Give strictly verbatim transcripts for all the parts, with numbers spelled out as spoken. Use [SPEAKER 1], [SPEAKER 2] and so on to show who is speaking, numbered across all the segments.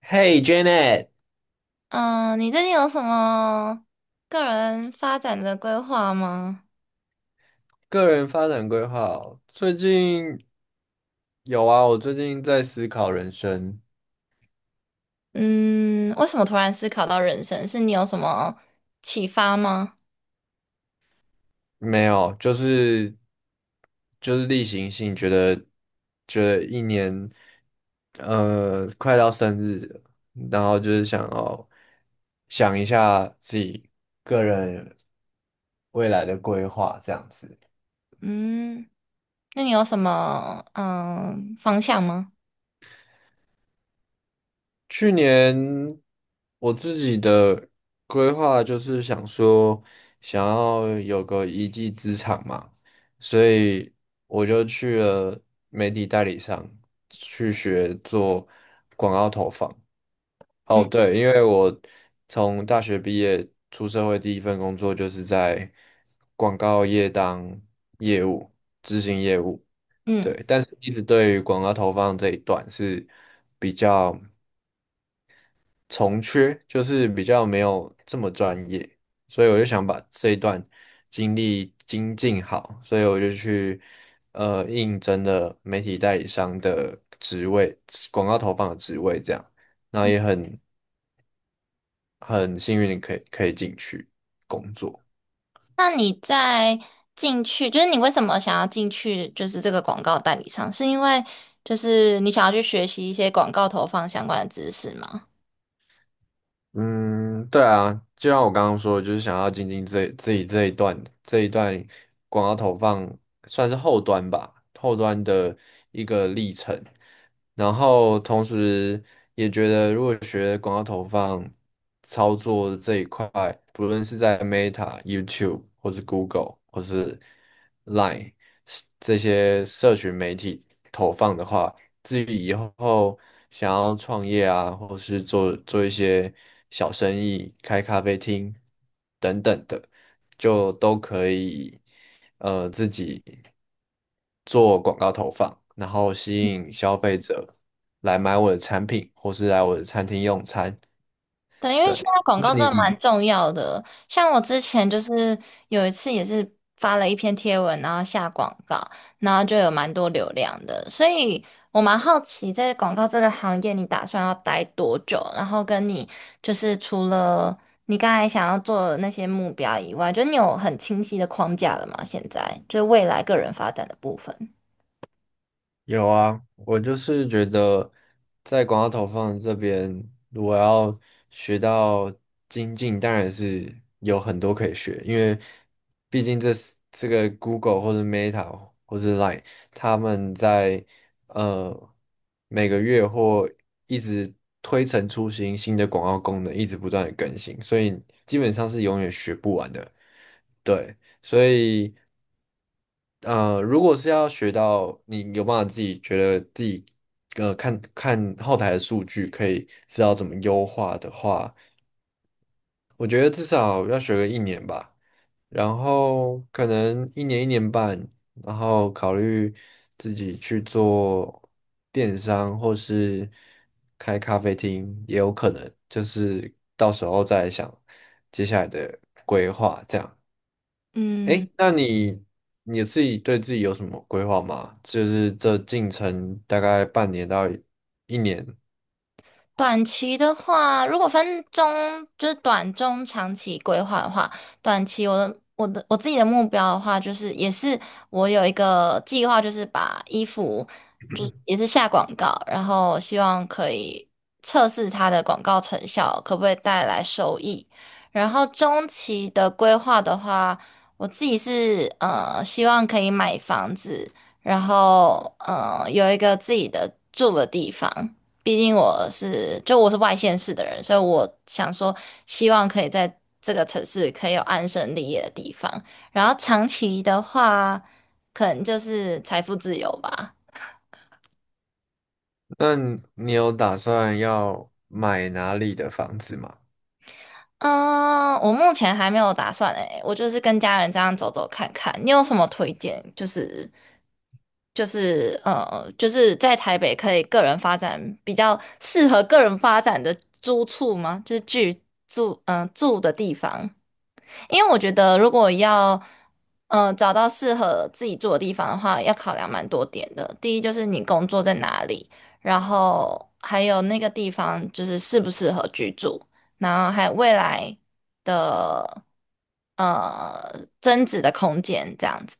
[SPEAKER 1] Hey Janet，
[SPEAKER 2] 嗯，呃你最近有什么个人发展的规划吗？
[SPEAKER 1] 个人发展规划哦最近有啊，我最近在思考人生，
[SPEAKER 2] 嗯，为什么突然思考到人生？是你有什么启发吗？
[SPEAKER 1] 没有，就是就是例行性，觉得觉得一年，呃，快到生日了然后就是想要想一下自己个人未来的规划这样子。
[SPEAKER 2] 嗯，那你有什么嗯方向吗？
[SPEAKER 1] 去年我自己的规划就是想说，想要有个一技之长嘛，所以我就去了媒体代理商去学做。哦，
[SPEAKER 2] 嗯
[SPEAKER 1] 对，因为我从大学毕业出社会，第一份工作就是在广告业当业务，执行业务。
[SPEAKER 2] 嗯，
[SPEAKER 1] 对，但是一直对于广告投放这一段是比较。从缺，就是比较没有这么专业，所以我就想把这一段经历精进好，所以我就去呃应征了媒体代理商的职位，广告投放的职位这样，那也很很幸运地可以可以进去工作。
[SPEAKER 2] 那你在进去，就是你为什么想要进去，就是这个广告代理商，是因为就是你想要去学习一些广告投放相关的知识吗？
[SPEAKER 1] 嗯，对啊，就像我刚刚说的，就是想要精进这自己这一段这一段广告投放，算是后端吧，后端的一个历程。然后同时也觉得，如果学广告投放操作这一块，不论是在 Meta、YouTube 或是 Google 或是 Line 这些社群媒体投放的话。至于以后想要创业啊，或是做做一些小生意、开咖啡厅等等的，就都可以呃自己做广告投放，然后吸引消费者来买我的产品，或是来我的餐厅用餐。
[SPEAKER 2] 对，因为现
[SPEAKER 1] 对，
[SPEAKER 2] 在广
[SPEAKER 1] 那
[SPEAKER 2] 告真的蛮
[SPEAKER 1] 你？
[SPEAKER 2] 重要的。像我之前就是有一次也是发了一篇贴文，然后下广告，然后就有蛮多流量的。所以我蛮好奇，在广告这个行业，你打算要待多久？然后跟你就是除了你刚才想要做的那些目标以外，就你有很清晰的框架了吗？现在就是未来个人发展的部分。
[SPEAKER 1] 有啊，我就是觉得在广告投放这边，我要学到精进，当然是有很多可以学，因为毕竟这是这个 Google 或者 Meta 或者 Line,他们在呃每个月或一直推陈出新，新的广告功能一直不断的更新，所以基本上是永远学不完的。对，所以。呃，如果是要学到你有办法自己觉得自己，呃，看看后台的数据，可以知道怎么优化的话，我觉得至少要学个一年吧，然后可能一年一年半，然后考虑自己去做电商或是开咖啡厅也有可能，就是到时候再想接下来的。
[SPEAKER 2] 嗯。
[SPEAKER 1] 哎，那你你自己对自己有什么规划吗？就是这进程大概半年到一年，
[SPEAKER 2] 短期的话，如果分中，就是短、中、长期规划的话，短期我的我的我自己的目标的话，就是也是我有一个计划，就是把衣服就是 也是下广告，然后希望可以测试它的广告成效，可不可以带来收益。然后中期的规划的话，我自己是呃希望可以买房子，然后呃有一个自己的住的地方。毕竟我是就我是外县市的人，所以我想说，希望可以在这个城市可以有安身立业的地方。然后长期的话，可能就是财富自由吧。
[SPEAKER 1] 那你有打算要买哪里的房子吗？
[SPEAKER 2] 嗯，我目前还没有打算诶，我就是跟家人这样走走看看。你有什么推荐？就是就是呃，就是在台北可以个人发展比较适合个人发展的租处吗？就是居住嗯、呃住的地方。因为我觉得如果要呃找到适合自己住的地方的话，要考量蛮多点的。第一就是你工作在哪里，然后还有那个地方就是适不适合居住，然后还有未来的呃增值的空间这样子。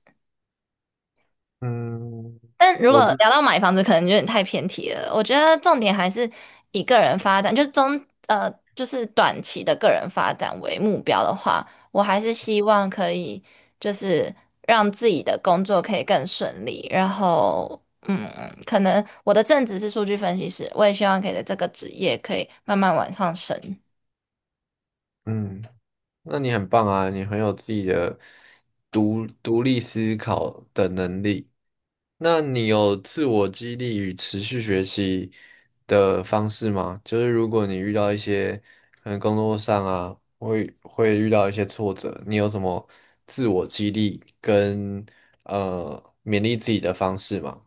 [SPEAKER 1] 嗯，
[SPEAKER 2] 但如
[SPEAKER 1] 我
[SPEAKER 2] 果
[SPEAKER 1] 自
[SPEAKER 2] 聊到买房子，可能有点太偏题了。我觉得重点还是以个人发展，就是中呃，就是短期的个人发展为目标的话，我还是希望可以就是让自己的工作可以更顺利。然后，嗯，可能我的正职是数据分析师，我也希望可以在这个职业可以慢慢往上升。
[SPEAKER 1] 嗯，那你很棒啊，你很有自己的独独立思考的能力。那你有自我激励与持续学习的方式吗？就是如果你遇到一些可能工作上啊，会会遇到一些挫折，你有什么自我激励跟呃勉励自己的方式吗？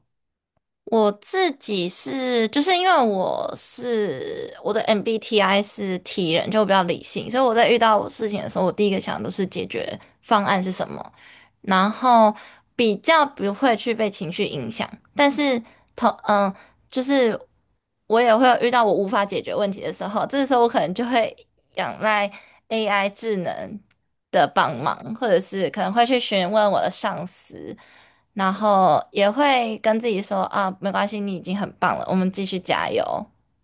[SPEAKER 2] 我自己是，就是因为我是我的 M B T I 是 T 人，就比较理性，所以我在遇到事情的时候，我第一个想的都是解决方案是什么，然后比较不会去被情绪影响。但是同嗯，就是我也会有遇到我无法解决问题的时候，这时候我可能就会仰赖 A I 智能的帮忙，或者是可能会去询问我的上司。然后也会跟自己说啊，没关系，你已经很棒了，我们继续加油。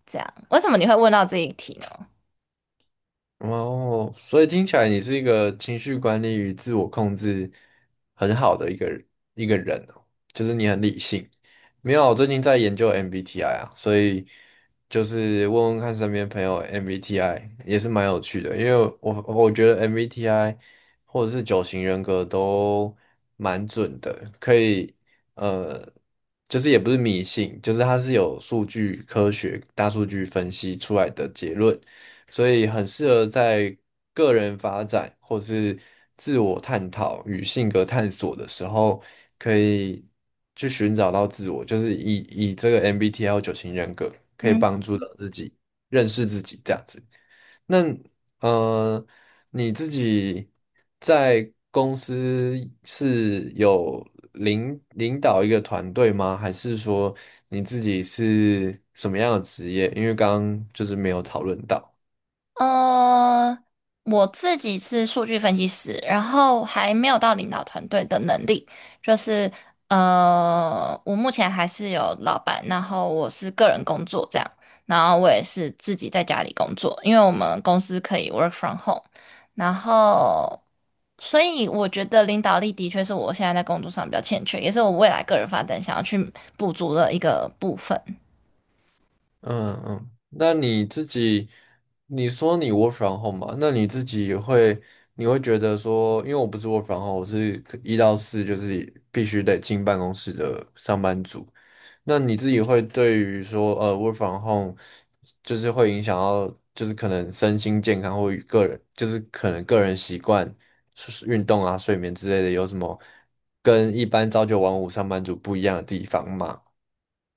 [SPEAKER 2] 这样，为什么你会问到这一题呢？
[SPEAKER 1] 哦，所以听起来你是一个情绪管理与自我控制很好的一个人一个人哦，就是你很理性。没有，我最近在研究 M B T I 啊，所以就是问问看身边朋友 M B T I 也是蛮有趣的，因为我我觉得 M B T I 或者是九型人格都蛮准的，可以呃，就是也不是迷信，就是它是有数据科学大数据分析出来的结论。所以很适合在个人发展或是自我探讨与性格探索的时候，可以去寻找到自我，就是以以这个 M B T I 九型人格可以
[SPEAKER 2] 嗯。
[SPEAKER 1] 帮助到自己认识自己这样子。那呃，你自己在公司是有领领导一个团队吗？还是说你自己是什么样的职业？因为刚刚就是没有讨论到。
[SPEAKER 2] 呃，我自己是数据分析师，然后还没有到领导团队的能力，就是呃，我目前还是有老板，然后我是个人工作这样，然后我也是自己在家里工作，因为我们公司可以 work from home，然后所以我觉得领导力的确是我现在在工作上比较欠缺，也是我未来个人发展想要去补足的一个部分。
[SPEAKER 1] 嗯嗯，那你自己，你说你 work from home 嘛？那你自己也会，你会觉得说，因为我不是 work from home,我是可一到四就是必须得进办公室的上班族。那你自己会对于说，呃，work from home 就是会影响到，就是可能身心健康或与个人，就是可能个人习惯、是运动啊、睡眠之类的，有什么跟一般朝九晚五上班族不一样的地方吗？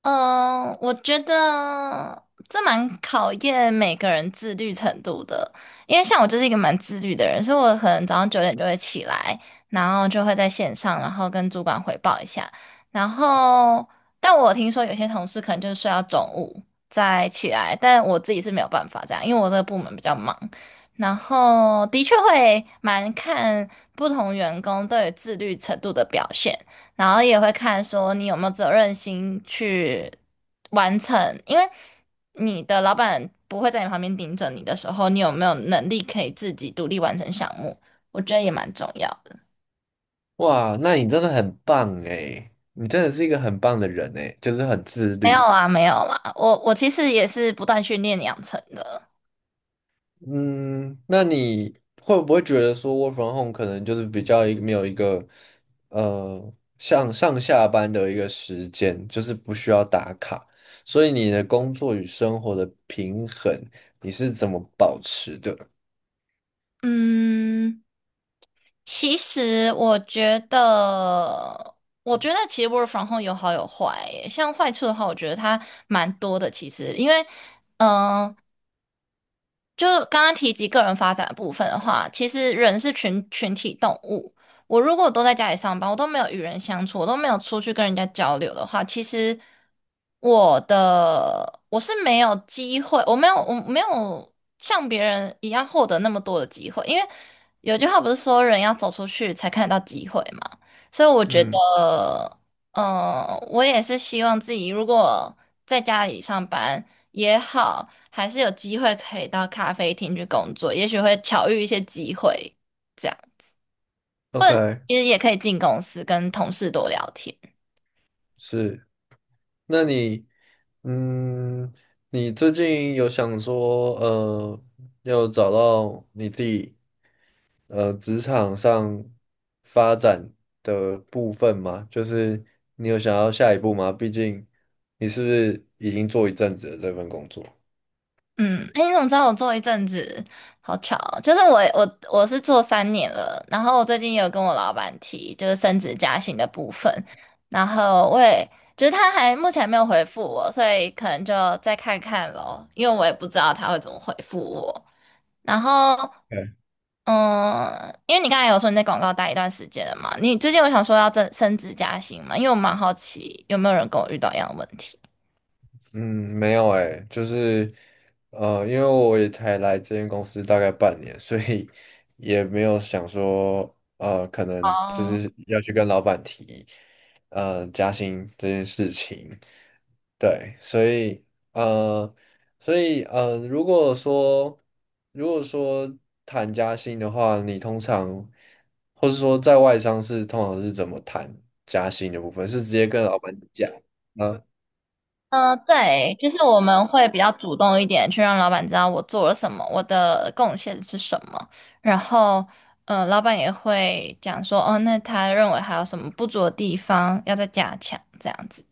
[SPEAKER 2] 嗯，我觉得这蛮考验每个人自律程度的，因为像我就是一个蛮自律的人，所以我可能早上九点就会起来，然后就会在线上，然后跟主管汇报一下。然后，但我听说有些同事可能就是睡到中午再起来，但我自己是没有办法这样，因为我这个部门比较忙。然后的确会蛮看不同员工对于自律程度的表现。然后也会看说你有没有责任心去完成，因为你的老板不会在你旁边盯着你的时候，你有没有能力可以自己独立完成项目？我觉得也蛮重要的。
[SPEAKER 1] 哇，那你真的很棒诶，你真的是一个很棒的人诶，就是很自
[SPEAKER 2] 没有
[SPEAKER 1] 律。
[SPEAKER 2] 啦，没有啦，我我其实也是不断训练养成的。
[SPEAKER 1] 嗯，那你会不会觉得说 work from home 可能就是比较一没有一个呃像上下班的一个时间，就是不需要打卡，所以你的工作与生活的平衡你是怎么保持的？
[SPEAKER 2] 嗯，其实我觉得，我觉得其实 work from home 有好有坏耶像坏处的话，我觉得它蛮多的。其实，因为，嗯、就刚刚提及个人发展的部分的话，其实人是群群体动物。我如果都在家里上班，我都没有与人相处，我都没有出去跟人家交流的话，其实我的我是没有机会，我没有我没有像别人一样获得那么多的机会，因为有句话不是说人要走出去才看得到机会嘛，所以我觉
[SPEAKER 1] 嗯
[SPEAKER 2] 得，嗯、我也是希望自己如果在家里上班。也好，还是有机会可以到咖啡厅去工作，也许会巧遇一些机会，这样，
[SPEAKER 1] ，OK,
[SPEAKER 2] 因为也可以进公司跟同事多聊天。
[SPEAKER 1] 是。那你，嗯，你最近有想说，呃，要找到你自己，呃，职场上发展的部分吗？就是你有想要下一步吗？毕竟你是不是已经做一阵子了这份工作？
[SPEAKER 2] 嗯，哎，你怎么知道我做一阵子？好巧哦就是我我我是做三年了，然后我最近也有跟我老板提，就是升职加薪的部分，然后我也就是他还目前还没有回复我，所以可能就再看看咯，因为我也不知道他会怎么回复我。然后嗯，因为你刚才有说你在广告待一段时间了嘛，你最近有想说要增升职加薪嘛？因为我蛮好奇有没有人跟我遇到一样的问题。
[SPEAKER 1] 嗯，没有诶，就是呃，因为我也才来这间公司大概半年，所以也没有想说呃，可能就
[SPEAKER 2] 哦，
[SPEAKER 1] 是要去跟老板提呃加薪这件事情。对，所以呃，所以呃，如果说如果说谈加薪的话，你通常或是说在外商是通常是怎么谈加薪的部分？是直接跟老板讲啊，
[SPEAKER 2] 嗯，对，就是我们会比较主动一点，去让老板知道我做了什么，我的贡献是什么，然后，呃，老板也会讲说，哦，那他认为还有什么不足的地方要再加强，这样子。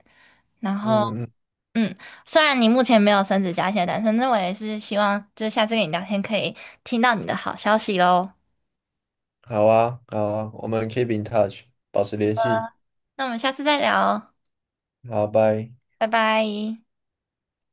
[SPEAKER 2] 然后，
[SPEAKER 1] 嗯嗯
[SPEAKER 2] 嗯，虽然你目前没有升职加薪，但是那我也是希望，就是下次跟你聊天可以听到你的好消息喽。
[SPEAKER 1] 好啊，好啊，我们 keep in touch,保持联系。
[SPEAKER 2] 那我们下次再聊，
[SPEAKER 1] 好，拜。
[SPEAKER 2] 拜拜。